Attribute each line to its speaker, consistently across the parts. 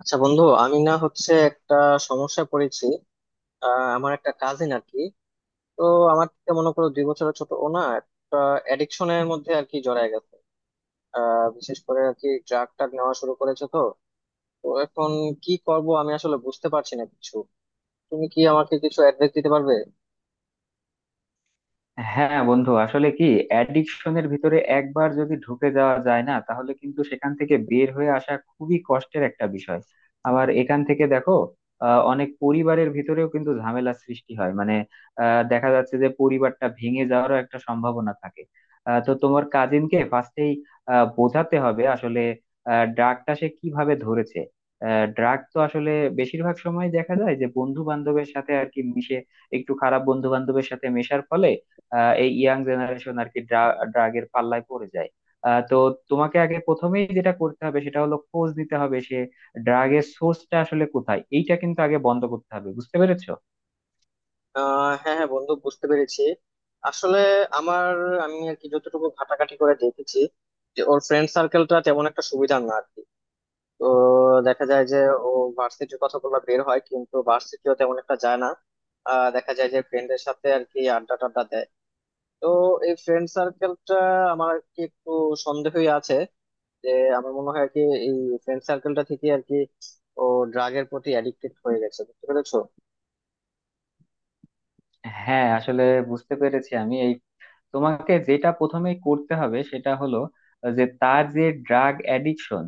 Speaker 1: আচ্ছা বন্ধু, আমি না হচ্ছে একটা সমস্যায় পড়েছি। আমার একটা কাজিন আর কি। তো আমার থেকে মনে করো দুই বছরের ছোট। ও না একটা অ্যাডিকশনের মধ্যে আর কি জড়ায় গেছে। বিশেষ করে আর কি ড্রাগ টাগ নেওয়া শুরু করেছে। তো তো এখন কি করব আমি আসলে বুঝতে পারছি না কিছু। তুমি কি আমাকে কিছু অ্যাডভাইস দিতে পারবে?
Speaker 2: হ্যাঁ বন্ধু, আসলে কি, অ্যাডিকশনের ভিতরে একবার যদি ঢুকে যাওয়া যায় না তাহলে কিন্তু সেখান থেকে বের হয়ে আসা খুবই কষ্টের একটা বিষয়। আবার এখান থেকে দেখো, অনেক পরিবারের ভিতরেও কিন্তু ঝামেলা সৃষ্টি হয় মানে দেখা যাচ্ছে যে পরিবারটা ভেঙে যাওয়ারও একটা সম্ভাবনা থাকে। তো তোমার কাজিনকে ফার্স্টেই বোঝাতে হবে আসলে ড্রাগটা সে কিভাবে ধরেছে। ড্রাগ তো আসলে বেশিরভাগ সময় দেখা যায় যে বন্ধু বান্ধবের সাথে আর কি মিশে, একটু খারাপ বন্ধু বান্ধবের সাথে মেশার ফলে এই ইয়াং জেনারেশন আর কি ড্রাগের পাল্লায় পড়ে যায়। তো তোমাকে আগে প্রথমেই যেটা করতে হবে সেটা হলো খোঁজ নিতে হবে সে ড্রাগের সোর্সটা আসলে কোথায়। এইটা কিন্তু আগে বন্ধ করতে হবে, বুঝতে পেরেছো?
Speaker 1: হ্যাঁ হ্যাঁ বন্ধু, বুঝতে পেরেছি। আসলে আমার আমি আর কি যতটুকু ঘাটাঘাটি করে দেখেছি, যে ওর ফ্রেন্ড সার্কেলটা তেমন একটা সুবিধার না। তো দেখা যায় যে ও ভার্সিটির কথাগুলো বের হয় কিন্তু ভার্সিটিও তেমন একটা যায় না। দেখা যায় যে ফ্রেন্ডের সাথে আর কি আড্ডা টাড্ডা দেয়। তো এই ফ্রেন্ড সার্কেলটা আমার আর কি একটু সন্দেহই আছে যে, আমার মনে হয় আর কি এই ফ্রেন্ড সার্কেলটা থেকে আর কি ও ড্রাগের প্রতি অ্যাডিক্টেড হয়ে গেছে। বুঝতে পেরেছো?
Speaker 2: হ্যাঁ আসলে বুঝতে পেরেছি আমি। এই তোমাকে যেটা প্রথমে করতে হবে সেটা হলো, যে তার যে ড্রাগ অ্যাডিকশন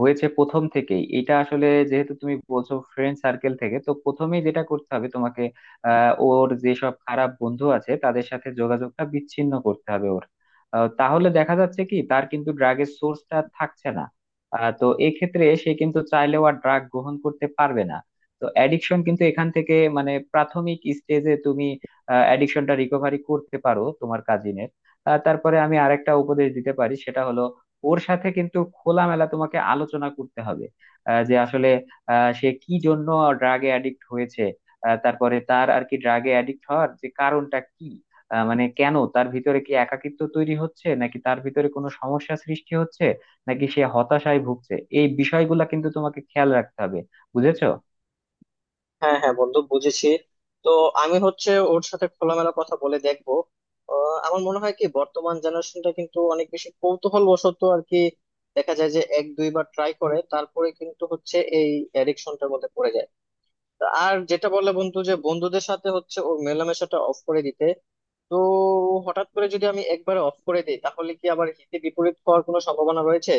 Speaker 2: হয়েছে প্রথম থেকেই, এটা আসলে যেহেতু তুমি বলছো ফ্রেন্ড সার্কেল থেকে, তো প্রথমেই যেটা করতে হবে তোমাকে, ওর যেসব খারাপ বন্ধু আছে তাদের সাথে যোগাযোগটা বিচ্ছিন্ন করতে হবে ওর। তাহলে দেখা যাচ্ছে কি তার কিন্তু ড্রাগের সোর্সটা থাকছে না। তো এক্ষেত্রে সে কিন্তু চাইলেও আর ড্রাগ গ্রহণ করতে পারবে না। তো অ্যাডিকশন কিন্তু এখান থেকে মানে প্রাথমিক স্টেজে তুমি অ্যাডিকশনটা রিকভারি করতে পারো তোমার কাজিনের। তারপরে আমি আরেকটা উপদেশ দিতে পারি, সেটা হলো ওর সাথে কিন্তু খোলামেলা তোমাকে আলোচনা করতে হবে যে আসলে সে কি জন্য ড্রাগে অ্যাডিক্ট হয়েছে। তারপরে তার আর কি ড্রাগে অ্যাডিক্ট হওয়ার যে কারণটা কি, মানে কেন, তার ভিতরে কি একাকিত্ব তৈরি হচ্ছে, নাকি তার ভিতরে কোনো সমস্যা সৃষ্টি হচ্ছে, নাকি সে হতাশায় ভুগছে। এই বিষয়গুলা কিন্তু তোমাকে খেয়াল রাখতে হবে, বুঝেছো?
Speaker 1: হ্যাঁ হ্যাঁ বন্ধু, বুঝেছি। তো আমি হচ্ছে ওর সাথে খোলামেলা কথা বলে দেখবো। আমার মনে হয় কি বর্তমান জেনারেশনটা কিন্তু অনেক বেশি কৌতূহল বশত আর কি দেখা যায় যে এক দুইবার ট্রাই করে তারপরে কিন্তু হচ্ছে এই অ্যাডিকশনটার মধ্যে পড়ে যায়। আর যেটা বলে বন্ধু যে বন্ধুদের সাথে হচ্ছে ওর মেলামেশাটা অফ করে দিতে। তো হঠাৎ করে যদি আমি একবারে অফ করে দিই তাহলে কি আবার হিতে বিপরীত হওয়ার কোনো সম্ভাবনা রয়েছে?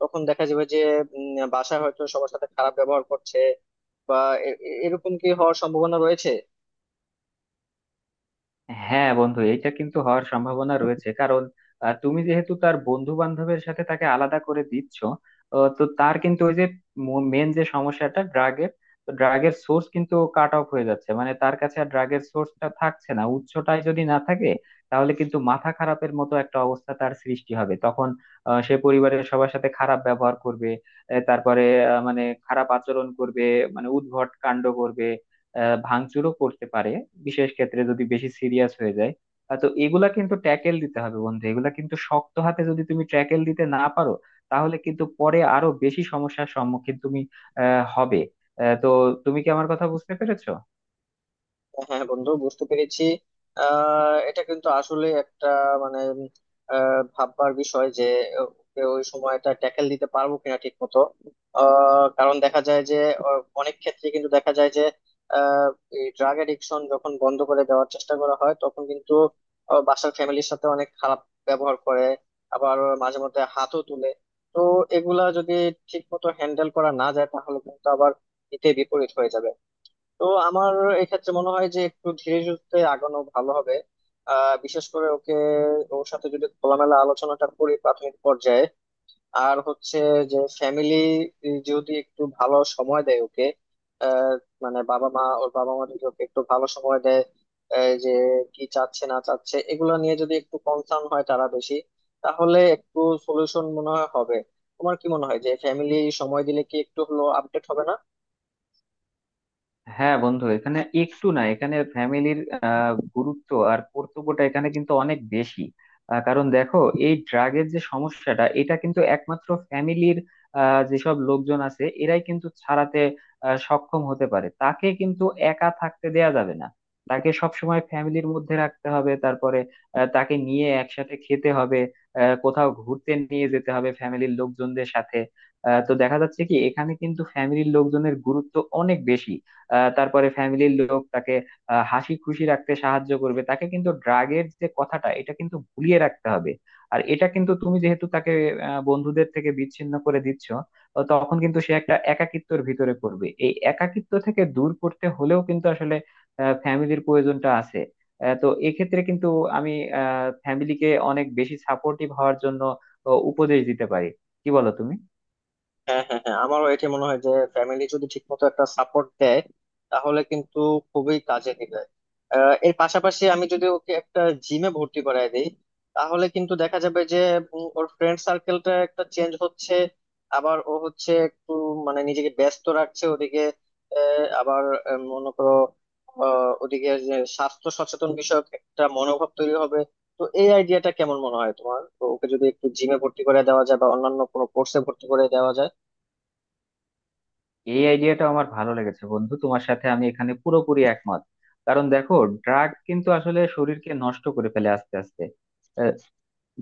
Speaker 1: তখন দেখা যাবে যে বাসায় হয়তো সবার সাথে খারাপ ব্যবহার করছে, বা এরকম কি হওয়ার সম্ভাবনা রয়েছে?
Speaker 2: হ্যাঁ বন্ধু, এটা কিন্তু হওয়ার সম্ভাবনা রয়েছে, কারণ তুমি যেহেতু তার বন্ধু বান্ধবের সাথে তাকে আলাদা করে দিচ্ছ। তো তার কিন্তু ওই যে মেন যে সমস্যাটা ড্রাগের, তো ড্রাগের সোর্স কিন্তু কাট অফ হয়ে যাচ্ছে, মানে তার কাছে আর ড্রাগের সোর্সটা থাকছে না। উৎসটাই যদি না থাকে তাহলে কিন্তু মাথা খারাপের মতো একটা অবস্থা তার সৃষ্টি হবে তখন। সে পরিবারের সবার সাথে খারাপ ব্যবহার করবে, তারপরে মানে খারাপ আচরণ করবে, মানে উদ্ভট কাণ্ড করবে, ভাঙচুরও করতে পারে বিশেষ ক্ষেত্রে, যদি বেশি সিরিয়াস হয়ে যায়। তো এগুলা কিন্তু ট্যাকেল দিতে হবে বন্ধু। এগুলা কিন্তু শক্ত হাতে যদি তুমি ট্যাকেল দিতে না পারো তাহলে কিন্তু পরে আরো বেশি সমস্যার সম্মুখীন তুমি হবে। তো তুমি কি আমার কথা বুঝতে পেরেছো?
Speaker 1: হ্যাঁ বন্ধু, বুঝতে পেরেছি। এটা কিন্তু আসলে একটা মানে ভাববার বিষয় যে ওকে ওই সময়টা ট্যাকেল দিতে পারবো কিনা ঠিক মতো। কারণ দেখা যায় যে অনেক ক্ষেত্রে কিন্তু দেখা যায় যে ড্রাগ এডিকশন যখন বন্ধ করে দেওয়ার চেষ্টা করা হয় তখন কিন্তু বাসার ফ্যামিলির সাথে অনেক খারাপ ব্যবহার করে, আবার মাঝে মধ্যে হাতও তুলে। তো এগুলা যদি ঠিক মতো হ্যান্ডেল করা না যায় তাহলে কিন্তু আবার হিতে বিপরীত হয়ে যাবে। তো আমার এক্ষেত্রে মনে হয় যে একটু ধীরে সুস্থে আগানো ভালো হবে। বিশেষ করে ওকে, ওর সাথে যদি খোলামেলা আলোচনাটা করি প্রাথমিক পর্যায়ে, আর হচ্ছে যে ফ্যামিলি যদি একটু ভালো সময় দেয় ওকে। আহ মানে বাবা মা, ওর বাবা মা যদি ওকে একটু ভালো সময় দেয়, এই যে কি চাচ্ছে না চাচ্ছে এগুলো নিয়ে যদি একটু কনসার্ন হয় তারা বেশি, তাহলে একটু সলিউশন মনে হয় হবে। তোমার কি মনে হয় যে ফ্যামিলি সময় দিলে কি একটু হলো আপডেট হবে না?
Speaker 2: হ্যাঁ বন্ধু, এখানে একটু না, এখানে ফ্যামিলির গুরুত্ব আর কর্তব্যটা এখানে কিন্তু অনেক বেশি। কারণ দেখো, এই ড্রাগের যে সমস্যাটা এটা কিন্তু একমাত্র ফ্যামিলির যেসব লোকজন আছে এরাই কিন্তু ছাড়াতে সক্ষম হতে পারে। তাকে কিন্তু একা থাকতে দেয়া যাবে না। তাকে সবসময় ফ্যামিলির মধ্যে রাখতে হবে, তারপরে তাকে নিয়ে একসাথে খেতে হবে, কোথাও ঘুরতে নিয়ে যেতে হবে ফ্যামিলির লোকজনদের সাথে। তো দেখা যাচ্ছে কি এখানে কিন্তু ফ্যামিলির লোকজনের গুরুত্ব অনেক বেশি। তারপরে ফ্যামিলির লোক তাকে হাসি খুশি রাখতে সাহায্য করবে। তাকে কিন্তু ড্রাগের যে কথাটা এটা কিন্তু ভুলিয়ে রাখতে হবে। আর এটা কিন্তু, তুমি যেহেতু তাকে বন্ধুদের থেকে বিচ্ছিন্ন করে দিচ্ছ, তো তখন কিন্তু সে একটা একাকিত্বের ভিতরে পড়বে। এই একাকিত্ব থেকে দূর করতে হলেও কিন্তু আসলে ফ্যামিলির প্রয়োজনটা আছে। তো এক্ষেত্রে কিন্তু আমি ফ্যামিলিকে অনেক বেশি সাপোর্টিভ হওয়ার জন্য উপদেশ দিতে পারি। কি বলো তুমি?
Speaker 1: হ্যাঁ হ্যাঁ হ্যাঁ, আমারও এটা মনে হয় যে ফ্যামিলি যদি ঠিকমতো একটা সাপোর্ট দেয় তাহলে কিন্তু খুবই কাজে দিবে। এর পাশাপাশি আমি যদি ওকে একটা জিমে ভর্তি করায় দিই তাহলে কিন্তু দেখা যাবে যে ওর ফ্রেন্ড সার্কেলটা একটা চেঞ্জ হচ্ছে, আবার ও হচ্ছে একটু মানে নিজেকে ব্যস্ত রাখছে ওদিকে। আহ, আবার মনে করো, ওদিকে যে স্বাস্থ্য সচেতন বিষয়ক একটা মনোভাব তৈরি হবে। তো এই আইডিয়াটা কেমন মনে হয় তোমার? তো ওকে যদি একটু জিমে ভর্তি করে দেওয়া যায় বা অন্যান্য কোনো কোর্সে ভর্তি করে দেওয়া যায়?
Speaker 2: এই আইডিয়াটা আমার ভালো লেগেছে বন্ধু, তোমার সাথে আমি এখানে পুরোপুরি একমত। কারণ দেখো, ড্রাগ কিন্তু আসলে শরীরকে নষ্ট করে ফেলে আস্তে আস্তে।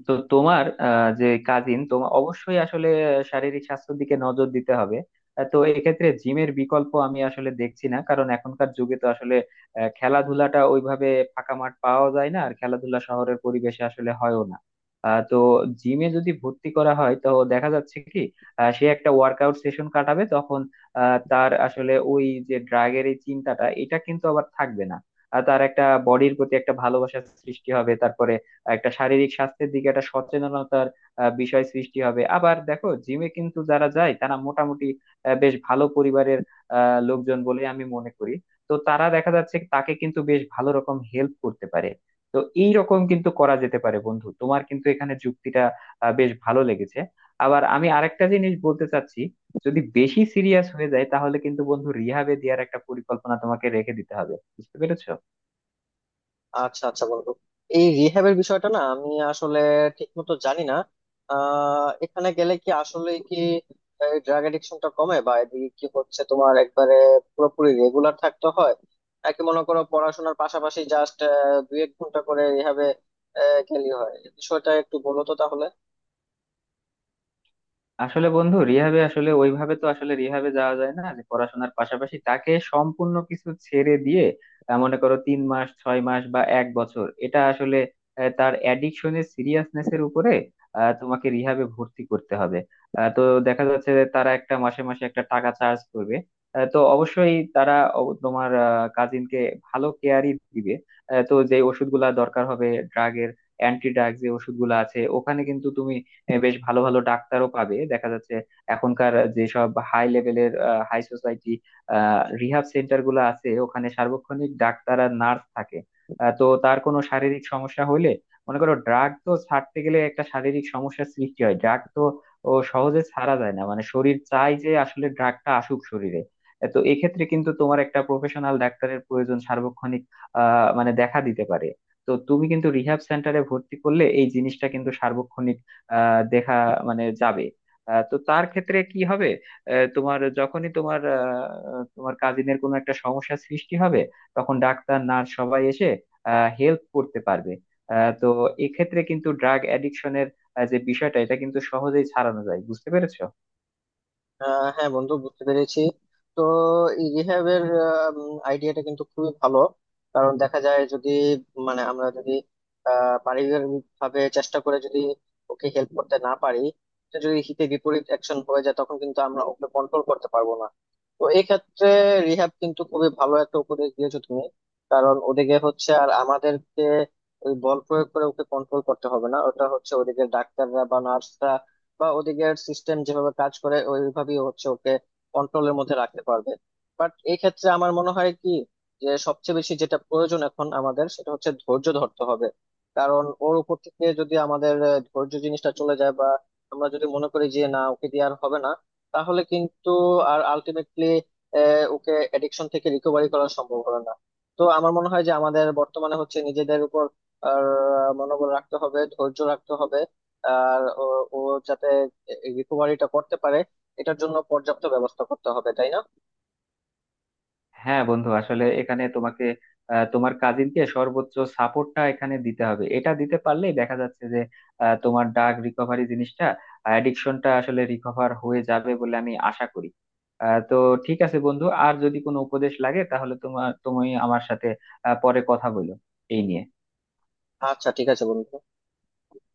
Speaker 2: তো তোমার যে কাজিন তোমার, অবশ্যই আসলে শারীরিক স্বাস্থ্যের দিকে নজর দিতে হবে। তো এক্ষেত্রে জিমের বিকল্প আমি আসলে দেখছি না, কারণ এখনকার যুগে তো আসলে খেলাধুলাটা ওইভাবে ফাঁকা মাঠ পাওয়া যায় না আর খেলাধুলা শহরের পরিবেশে আসলে হয়ও না। তো জিমে যদি ভর্তি করা হয় তো দেখা যাচ্ছে কি সে একটা ওয়ার্কআউট সেশন কাটাবে তখন। তার আসলে ওই যে ড্রাগের এই চিন্তাটা এটা কিন্তু আবার থাকবে না। আর তার একটা বডির প্রতি একটা ভালোবাসার সৃষ্টি হবে, তারপরে একটা শারীরিক স্বাস্থ্যের দিকে একটা সচেতনতার বিষয় সৃষ্টি হবে। আবার দেখো, জিমে কিন্তু যারা যায় তারা মোটামুটি বেশ ভালো পরিবারের লোকজন বলে আমি মনে করি। তো তারা দেখা যাচ্ছে তাকে কিন্তু বেশ ভালো রকম হেল্প করতে পারে। তো এই রকম কিন্তু করা যেতে পারে বন্ধু। তোমার কিন্তু এখানে যুক্তিটা বেশ ভালো লেগেছে। আবার আমি আরেকটা জিনিস বলতে চাচ্ছি, যদি বেশি সিরিয়াস হয়ে যায় তাহলে কিন্তু বন্ধু রিহাবে দেওয়ার একটা পরিকল্পনা তোমাকে রেখে দিতে হবে, বুঝতে পেরেছো?
Speaker 1: আচ্ছা আচ্ছা বন্ধু, এই রিহ্যাবের বিষয়টা না আমি আসলে ঠিক মতো জানি না। এখানে গেলে কি আসলে কি ড্রাগ এডিকশনটা কমে বা এদিকে কি হচ্ছে, তোমার একবারে পুরোপুরি রেগুলার থাকতে হয়, নাকি মনে করো পড়াশোনার পাশাপাশি জাস্ট দুই এক ঘন্টা করে রিহ্যাবে গেলে হয়? এই বিষয়টা একটু বলো তো তাহলে।
Speaker 2: আসলে বন্ধু, রিহাবে আসলে ওইভাবে তো আসলে রিহাবে যাওয়া যায় না যে পড়াশোনার পাশাপাশি, তাকে সম্পূর্ণ কিছু ছেড়ে দিয়ে মনে করো তিন মাস, ছয় মাস বা এক বছর, এটা আসলে তার অ্যাডিকশনের সিরিয়াসনেস এর উপরে, তোমাকে রিহাবে ভর্তি করতে হবে। তো দেখা যাচ্ছে যে তারা একটা মাসে মাসে একটা টাকা চার্জ করবে। তো অবশ্যই তারা তোমার কাজিনকে ভালো কেয়ারই দিবে। তো যে ওষুধগুলা দরকার হবে ড্রাগের, অ্যান্টি ড্রাগ যে ওষুধগুলো আছে, ওখানে কিন্তু তুমি বেশ ভালো ভালো ডাক্তারও পাবে দেখা যাচ্ছে। এখনকার যেসব হাই লেভেলের হাই সোসাইটি রিহাব সেন্টার গুলো আছে, ওখানে সার্বক্ষণিক ডাক্তার আর নার্স থাকে। তো তার কোনো শারীরিক সমস্যা হলে, মনে করো, ড্রাগ তো ছাড়তে গেলে একটা শারীরিক সমস্যার সৃষ্টি হয়। ড্রাগ তো ও সহজে ছাড়া যায় না, মানে শরীর চাই যে আসলে ড্রাগটা আসুক শরীরে। তো এক্ষেত্রে কিন্তু তোমার একটা প্রফেশনাল ডাক্তারের প্রয়োজন সার্বক্ষণিক মানে দেখা দিতে পারে। তো তুমি কিন্তু রিহ্যাব সেন্টারে ভর্তি করলে এই জিনিসটা কিন্তু দেখা মানে যাবে। তো তার ক্ষেত্রে কি হবে, আহ, তোমার যখনই তোমার আহ, তোমার কাজিনের কোনো একটা সমস্যা সৃষ্টি হবে তখন ডাক্তার নার্স সবাই এসে হেল্প করতে পারবে। তো এক্ষেত্রে কিন্তু ড্রাগ অ্যাডিকশনের যে বিষয়টা এটা কিন্তু সহজেই ছাড়ানো যায়, বুঝতে পেরেছো?
Speaker 1: হ্যাঁ বন্ধু, বুঝতে পেরেছি। তো এই রিহ্যাবের আইডিয়াটা কিন্তু খুবই ভালো। কারণ দেখা যায় যদি মানে আমরা যদি পারিবারিক ভাবে চেষ্টা করে যদি ওকে হেল্প করতে না পারি, তো যদি হিতে বিপরীত অ্যাকশন হয়ে যায় তখন কিন্তু আমরা ওকে কন্ট্রোল করতে পারবো না। তো এই ক্ষেত্রে রিহ্যাব কিন্তু খুবই ভালো একটা উপদেশ দিয়েছো তুমি। কারণ ওদিকে হচ্ছে আর আমাদেরকে ওই বল প্রয়োগ করে ওকে কন্ট্রোল করতে হবে না, ওটা হচ্ছে ওদিকে ডাক্তাররা বা নার্সরা বা ওদিকের সিস্টেম যেভাবে কাজ করে ওইভাবেই হচ্ছে ওকে কন্ট্রোলের মধ্যে রাখতে পারবে। বাট এই ক্ষেত্রে আমার মনে হয় কি, যে সবচেয়ে বেশি যেটা প্রয়োজন এখন আমাদের সেটা হচ্ছে ধৈর্য ধরতে হবে। কারণ ওর উপর থেকে যদি আমাদের ধৈর্য জিনিসটা চলে যায় বা আমরা যদি মনে করি যে না ওকে দিয়ে আর হবে না, তাহলে কিন্তু আর আলটিমেটলি ওকে এডিকশন থেকে রিকভারি করা সম্ভব হবে না। তো আমার মনে হয় যে আমাদের বর্তমানে হচ্ছে নিজেদের উপর আর মনোবল রাখতে হবে, ধৈর্য রাখতে হবে, আর ও ও যাতে রিকভারিটা করতে পারে এটার জন্য পর্যাপ্ত ব্যবস্থা করতে হবে, তাই না?
Speaker 2: হ্যাঁ বন্ধু, আসলে এখানে তোমাকে তোমার কাজিনকে সর্বোচ্চ সাপোর্টটা এখানে দিতে হবে। এটা দিতে পারলেই দেখা যাচ্ছে যে তোমার ড্রাগ রিকভারি জিনিসটা, অ্যাডিকশনটা আসলে রিকভার হয়ে যাবে বলে আমি আশা করি। তো ঠিক আছে বন্ধু, আর যদি কোনো উপদেশ লাগে তাহলে তুমি আমার সাথে পরে কথা বলো এই নিয়ে।
Speaker 1: আচ্ছা ঠিক আছে বন্ধু।